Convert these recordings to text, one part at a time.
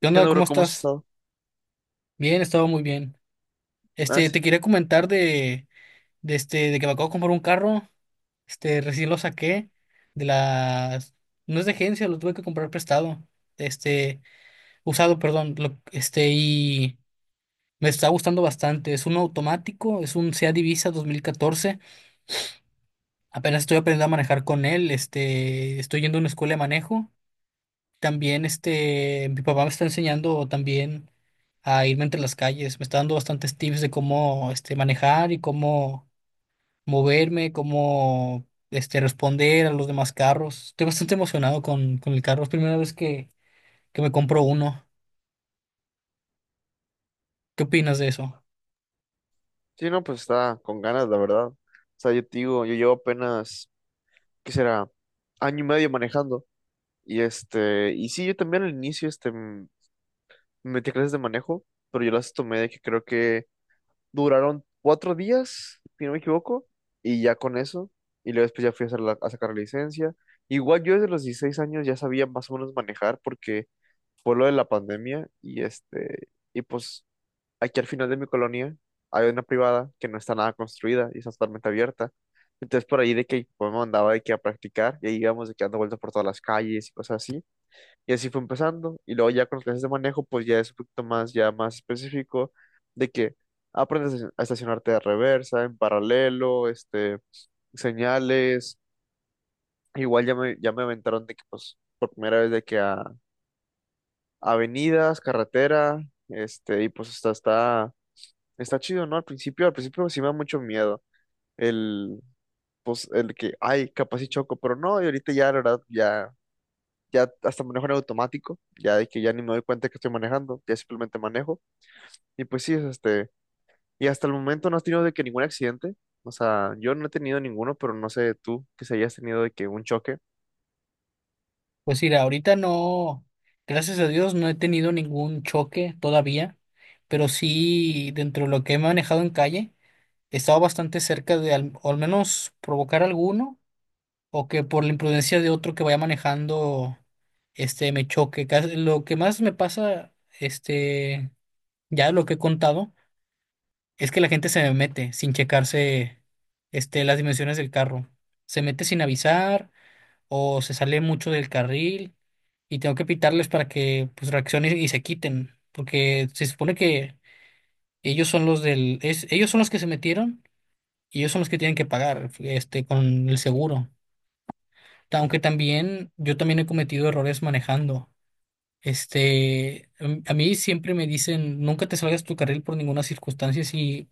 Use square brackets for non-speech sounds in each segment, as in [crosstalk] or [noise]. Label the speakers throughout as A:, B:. A: ¿Qué
B: ¿Qué
A: onda?
B: onda, bro?
A: ¿Cómo
B: ¿Cómo has
A: estás?
B: estado?
A: Bien, he estado muy bien.
B: Ah, sí.
A: Te quería comentar de que me acabo de comprar un carro. Recién lo saqué de las, no es de agencia, lo tuve que comprar prestado. Este, Usado, perdón. Y me está gustando bastante. Es un automático, es un Seat Ibiza 2014. Apenas estoy aprendiendo a manejar con él. Estoy yendo a una escuela de manejo. También, mi papá me está enseñando también a irme entre las calles. Me está dando bastantes tips de cómo, manejar y cómo moverme, cómo, responder a los demás carros. Estoy bastante emocionado con el carro. Es primera vez que me compro uno. ¿Qué opinas de eso?
B: Sí, no, pues está con ganas, la verdad. O sea, yo te digo, yo llevo apenas, ¿qué será? Año y medio manejando. Y sí, yo también al inicio, me metí a clases de manejo, pero yo las tomé de que creo que duraron 4 días, si no me equivoco, y ya con eso. Y luego después ya fui a, a sacar la licencia. Igual yo desde los 16 años ya sabía más o menos manejar porque fue lo de la pandemia y y pues aquí al final de mi colonia hay una privada que no está nada construida y está totalmente abierta. Entonces por ahí de que pues, me mandaba de que a practicar y ahí íbamos de que dando vueltas por todas las calles y cosas así. Y así fue empezando. Y luego ya con las clases de manejo pues ya es un poquito más, ya más específico de que aprendes a a estacionarte de reversa, en paralelo, señales. Igual ya me aventaron de que pues por primera vez de que a avenidas, carretera, y pues hasta está. Está chido, ¿no? Al principio sí me da mucho miedo el, pues, el que, ay, capaz y choco, pero no, y ahorita ya, la verdad, ya, ya hasta manejo en automático, ya de que ya ni me doy cuenta que estoy manejando, ya simplemente manejo, y pues sí, es y hasta el momento no has tenido de que ningún accidente, o sea, yo no he tenido ninguno, pero no sé tú que si hayas tenido de que un choque.
A: Pues mira, ahorita no, gracias a Dios no he tenido ningún choque todavía, pero sí, dentro de lo que he manejado en calle, he estado bastante cerca de o al menos provocar alguno, o que por la imprudencia de otro que vaya manejando, me choque. Lo que más me pasa, este, ya lo que he contado, es que la gente se me mete sin checarse, las dimensiones del carro. Se mete sin avisar o se sale mucho del carril y tengo que pitarles para que, pues, reaccionen y se quiten, porque se supone que ellos son ellos son los que se metieron y ellos son los que tienen que pagar, con el seguro. Aunque también yo también he cometido errores manejando. A mí siempre me dicen, nunca te salgas tu carril por ninguna circunstancia. Si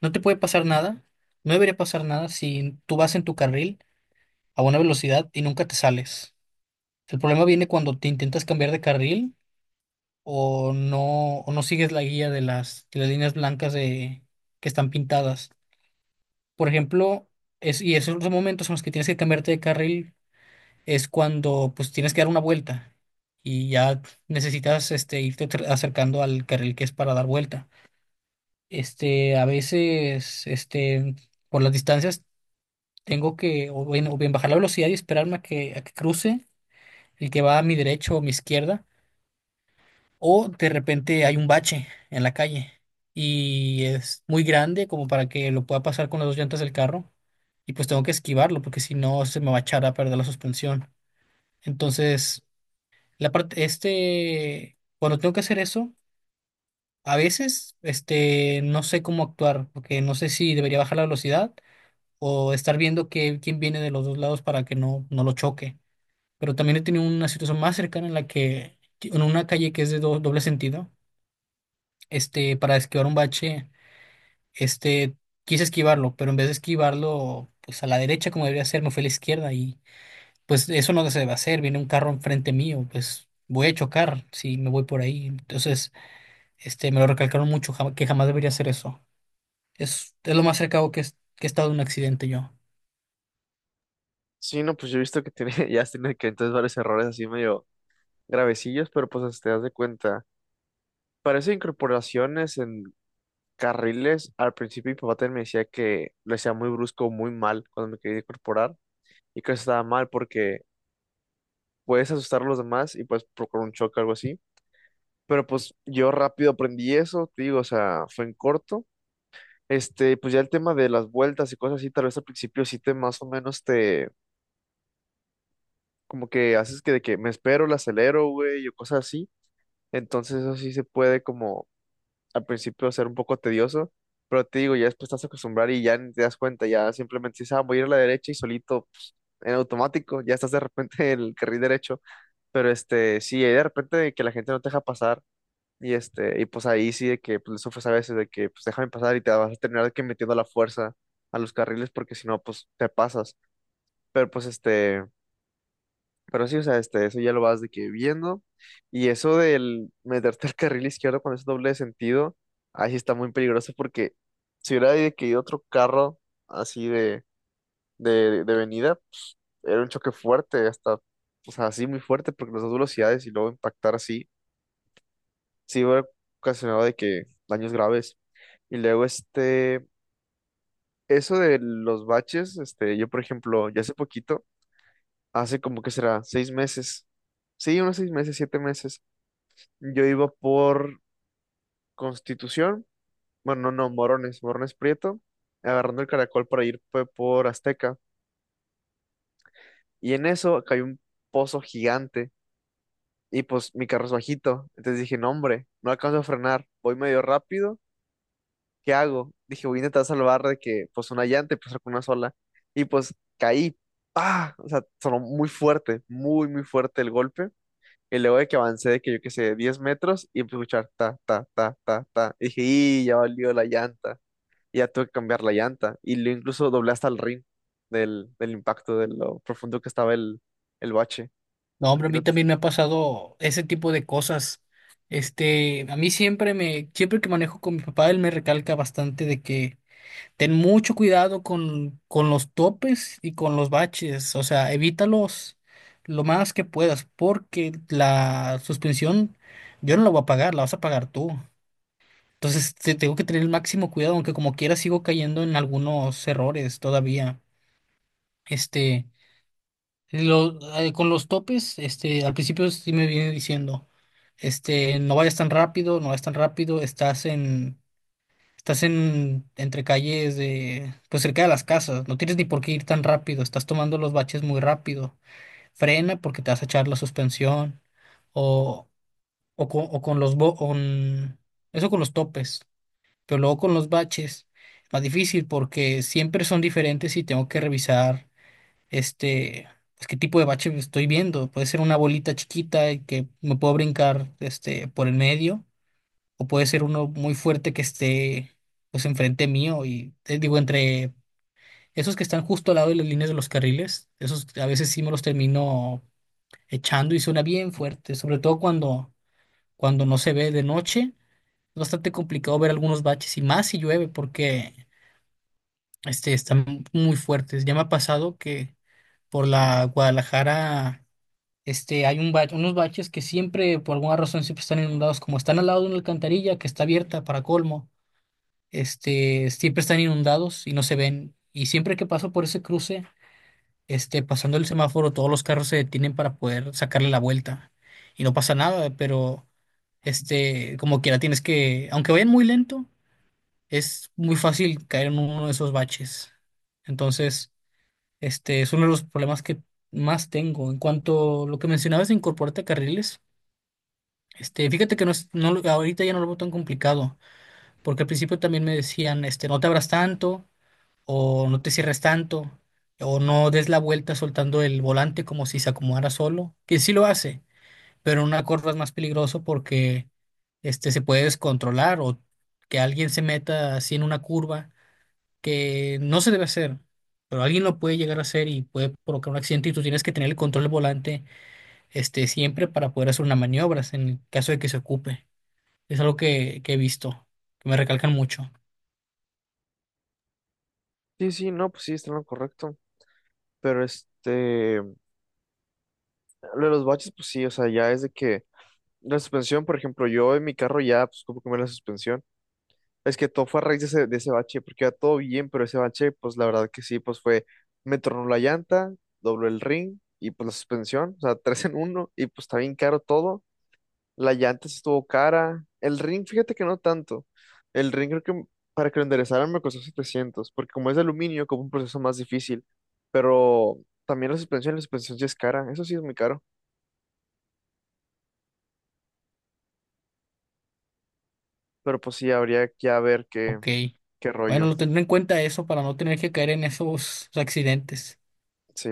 A: no te puede pasar nada, no debería pasar nada si tú vas en tu carril a buena velocidad y nunca te sales. El problema viene cuando te intentas cambiar de carril o no sigues la guía de las líneas blancas de, que están pintadas. Por ejemplo, y esos son los momentos en los que tienes que cambiarte de carril, es cuando pues tienes que dar una vuelta y ya necesitas, acercando al carril que es para dar vuelta. A veces, por las distancias tengo que o bien bajar la velocidad y esperarme a a que cruce el que va a mi derecha o mi izquierda, o de repente hay un bache en la calle y es muy grande como para que lo pueda pasar con las dos llantas del carro y pues tengo que esquivarlo porque si no se me va a echar a perder la suspensión. Entonces, la parte, cuando tengo que hacer eso, a veces, no sé cómo actuar, porque no sé si debería bajar la velocidad o estar viendo quién viene de los dos lados para que no lo choque. Pero también he tenido una situación más cercana en la que, en una calle que es de doble sentido, para esquivar un bache, este, quise esquivarlo, pero en vez de esquivarlo, pues a la derecha como debería ser, me fui a la izquierda y, pues eso no se debe hacer, viene un carro enfrente mío, pues voy a chocar si me voy por ahí. Entonces, me lo recalcaron mucho, que jamás debería hacer eso. Es lo más cercano que he estado de un accidente yo.
B: Sí, no, pues yo he visto que tiene, [laughs] ya has tenido que entonces varios errores así medio gravecillos, pero pues te das de cuenta. Parece incorporaciones en carriles. Al principio mi papá también me decía que lo hacía muy brusco, muy mal cuando me quería incorporar y que eso estaba mal porque puedes asustar a los demás y puedes provocar un choque o algo así. Pero pues yo rápido aprendí eso, te digo, o sea, fue en corto. Pues ya el tema de las vueltas y cosas así, tal vez al principio sí te más o menos te, como que haces que de que me espero, la acelero, güey, o cosas así. Entonces eso sí se puede como al principio va a ser un poco tedioso, pero te digo, ya después te vas a acostumbrar y ya ni te das cuenta, ya simplemente dices, ah, voy a ir a la derecha y solito, en automático, ya estás de repente [laughs] en el carril derecho, pero sí, hay de repente de que la gente no te deja pasar y y pues ahí sí de que pues, le sufres a veces de que pues déjame pasar y te vas a terminar de que metiendo la fuerza a los carriles porque si no, pues te pasas, pero pues. Pero sí, o sea, eso ya lo vas de que viendo. Y eso del meterte al carril izquierdo con ese doble de sentido, ahí sí está muy peligroso porque si hubiera de que ido otro carro así de venida, era un choque fuerte, hasta, o sea, así muy fuerte, porque las dos velocidades y luego impactar así, sí hubiera ocasionado de que daños graves. Y luego, eso de los baches, yo, por ejemplo, ya hace poquito, hace como que será 6 meses. Sí, unos 6 meses, 7 meses. Yo iba por Constitución, bueno, no, no, Morones, Morones Prieto, agarrando el caracol para ir por Azteca. Y en eso cayó un pozo gigante y pues mi carro es bajito. Entonces dije, no, hombre, no alcanzo a frenar, voy medio rápido, ¿qué hago? Dije, voy a intentar salvar de que pues una llanta y pues con una sola. Y pues caí, ah. O sea, sonó muy fuerte, muy, muy fuerte el golpe. Y luego de que avancé, de que yo qué sé, 10 metros y empecé a escuchar ta, ta, ta, ta, ta. Y dije, y ya valió la llanta. Y ya tuve que cambiar la llanta. Y lo incluso doblé hasta el rin del impacto, de lo profundo que estaba el bache.
A: No,
B: A
A: hombre, a
B: ti
A: mí
B: no te-
A: también me ha pasado ese tipo de cosas. A mí siempre me, siempre que manejo con mi papá, él me recalca bastante de que ten mucho cuidado con los topes y con los baches. O sea, evítalos lo más que puedas, porque la suspensión yo no la voy a pagar, la vas a pagar tú. Entonces, tengo que tener el máximo cuidado, aunque como quiera sigo cayendo en algunos errores todavía. Este, con los topes, al principio sí me viene diciendo, no vayas tan rápido, no vayas tan rápido, estás en, entre calles de, pues cerca de las casas, no tienes ni por qué ir tan rápido, estás tomando los baches muy rápido, frena porque te vas a echar la suspensión, o, o con los, eso con los topes. Pero luego con los baches es más difícil porque siempre son diferentes y tengo que revisar, este, pues, qué tipo de bache estoy viendo. Puede ser una bolita chiquita y que me puedo brincar, por el medio, o puede ser uno muy fuerte que esté pues enfrente mío y digo, entre esos que están justo al lado de las líneas de los carriles, esos a veces sí me los termino echando y suena bien fuerte, sobre todo cuando no se ve de noche. Es bastante complicado ver algunos baches y más si llueve porque están muy fuertes. Ya me ha pasado que por la Guadalajara, hay un unos baches que siempre, por alguna razón, siempre están inundados, como están al lado de una alcantarilla que está abierta para colmo, siempre están inundados y no se ven. Y siempre que paso por ese cruce, pasando el semáforo, todos los carros se detienen para poder sacarle la vuelta. Y no pasa nada, pero como quiera, tienes que, aunque vayan muy lento, es muy fácil caer en uno de esos baches. Entonces, este es uno de los problemas que más tengo. En cuanto a lo que mencionabas de incorporarte a carriles, fíjate que no es, no, lo- ahorita ya no lo veo tan complicado, porque al principio también me decían, no te abras tanto, o no te cierres tanto, o no des la vuelta soltando el volante como si se acomodara solo, que sí lo hace, pero en una curva es más peligroso porque, se puede descontrolar o que alguien se meta así en una curva, que no se debe hacer, pero alguien lo puede llegar a hacer y puede provocar un accidente, y tú tienes que tener el control del volante, siempre para poder hacer una maniobra en el caso de que se ocupe. Es algo que he visto, que me recalcan mucho.
B: Sí, sí, no, pues sí, está en lo correcto. Pero lo de los baches, pues sí, o sea, ya es de que la suspensión, por ejemplo, yo en mi carro ya, pues como cambié la suspensión. Es que todo fue a raíz de ese bache, porque iba todo bien, pero ese bache, pues la verdad que sí, pues fue, me tornó la llanta, dobló el ring y pues la suspensión, o sea, [laughs] tres en uno, y pues está bien caro todo. La llanta sí estuvo cara. El ring, fíjate que no tanto. El ring creo que para que lo enderezaran me costó 700, porque como es de aluminio, como un proceso más difícil. Pero también la suspensión sí es cara. Eso sí es muy caro. Pero pues sí, habría que a ver qué,
A: Ok.
B: qué
A: Bueno,
B: rollo.
A: lo tendré en cuenta eso para no tener que caer en esos accidentes.
B: Sí.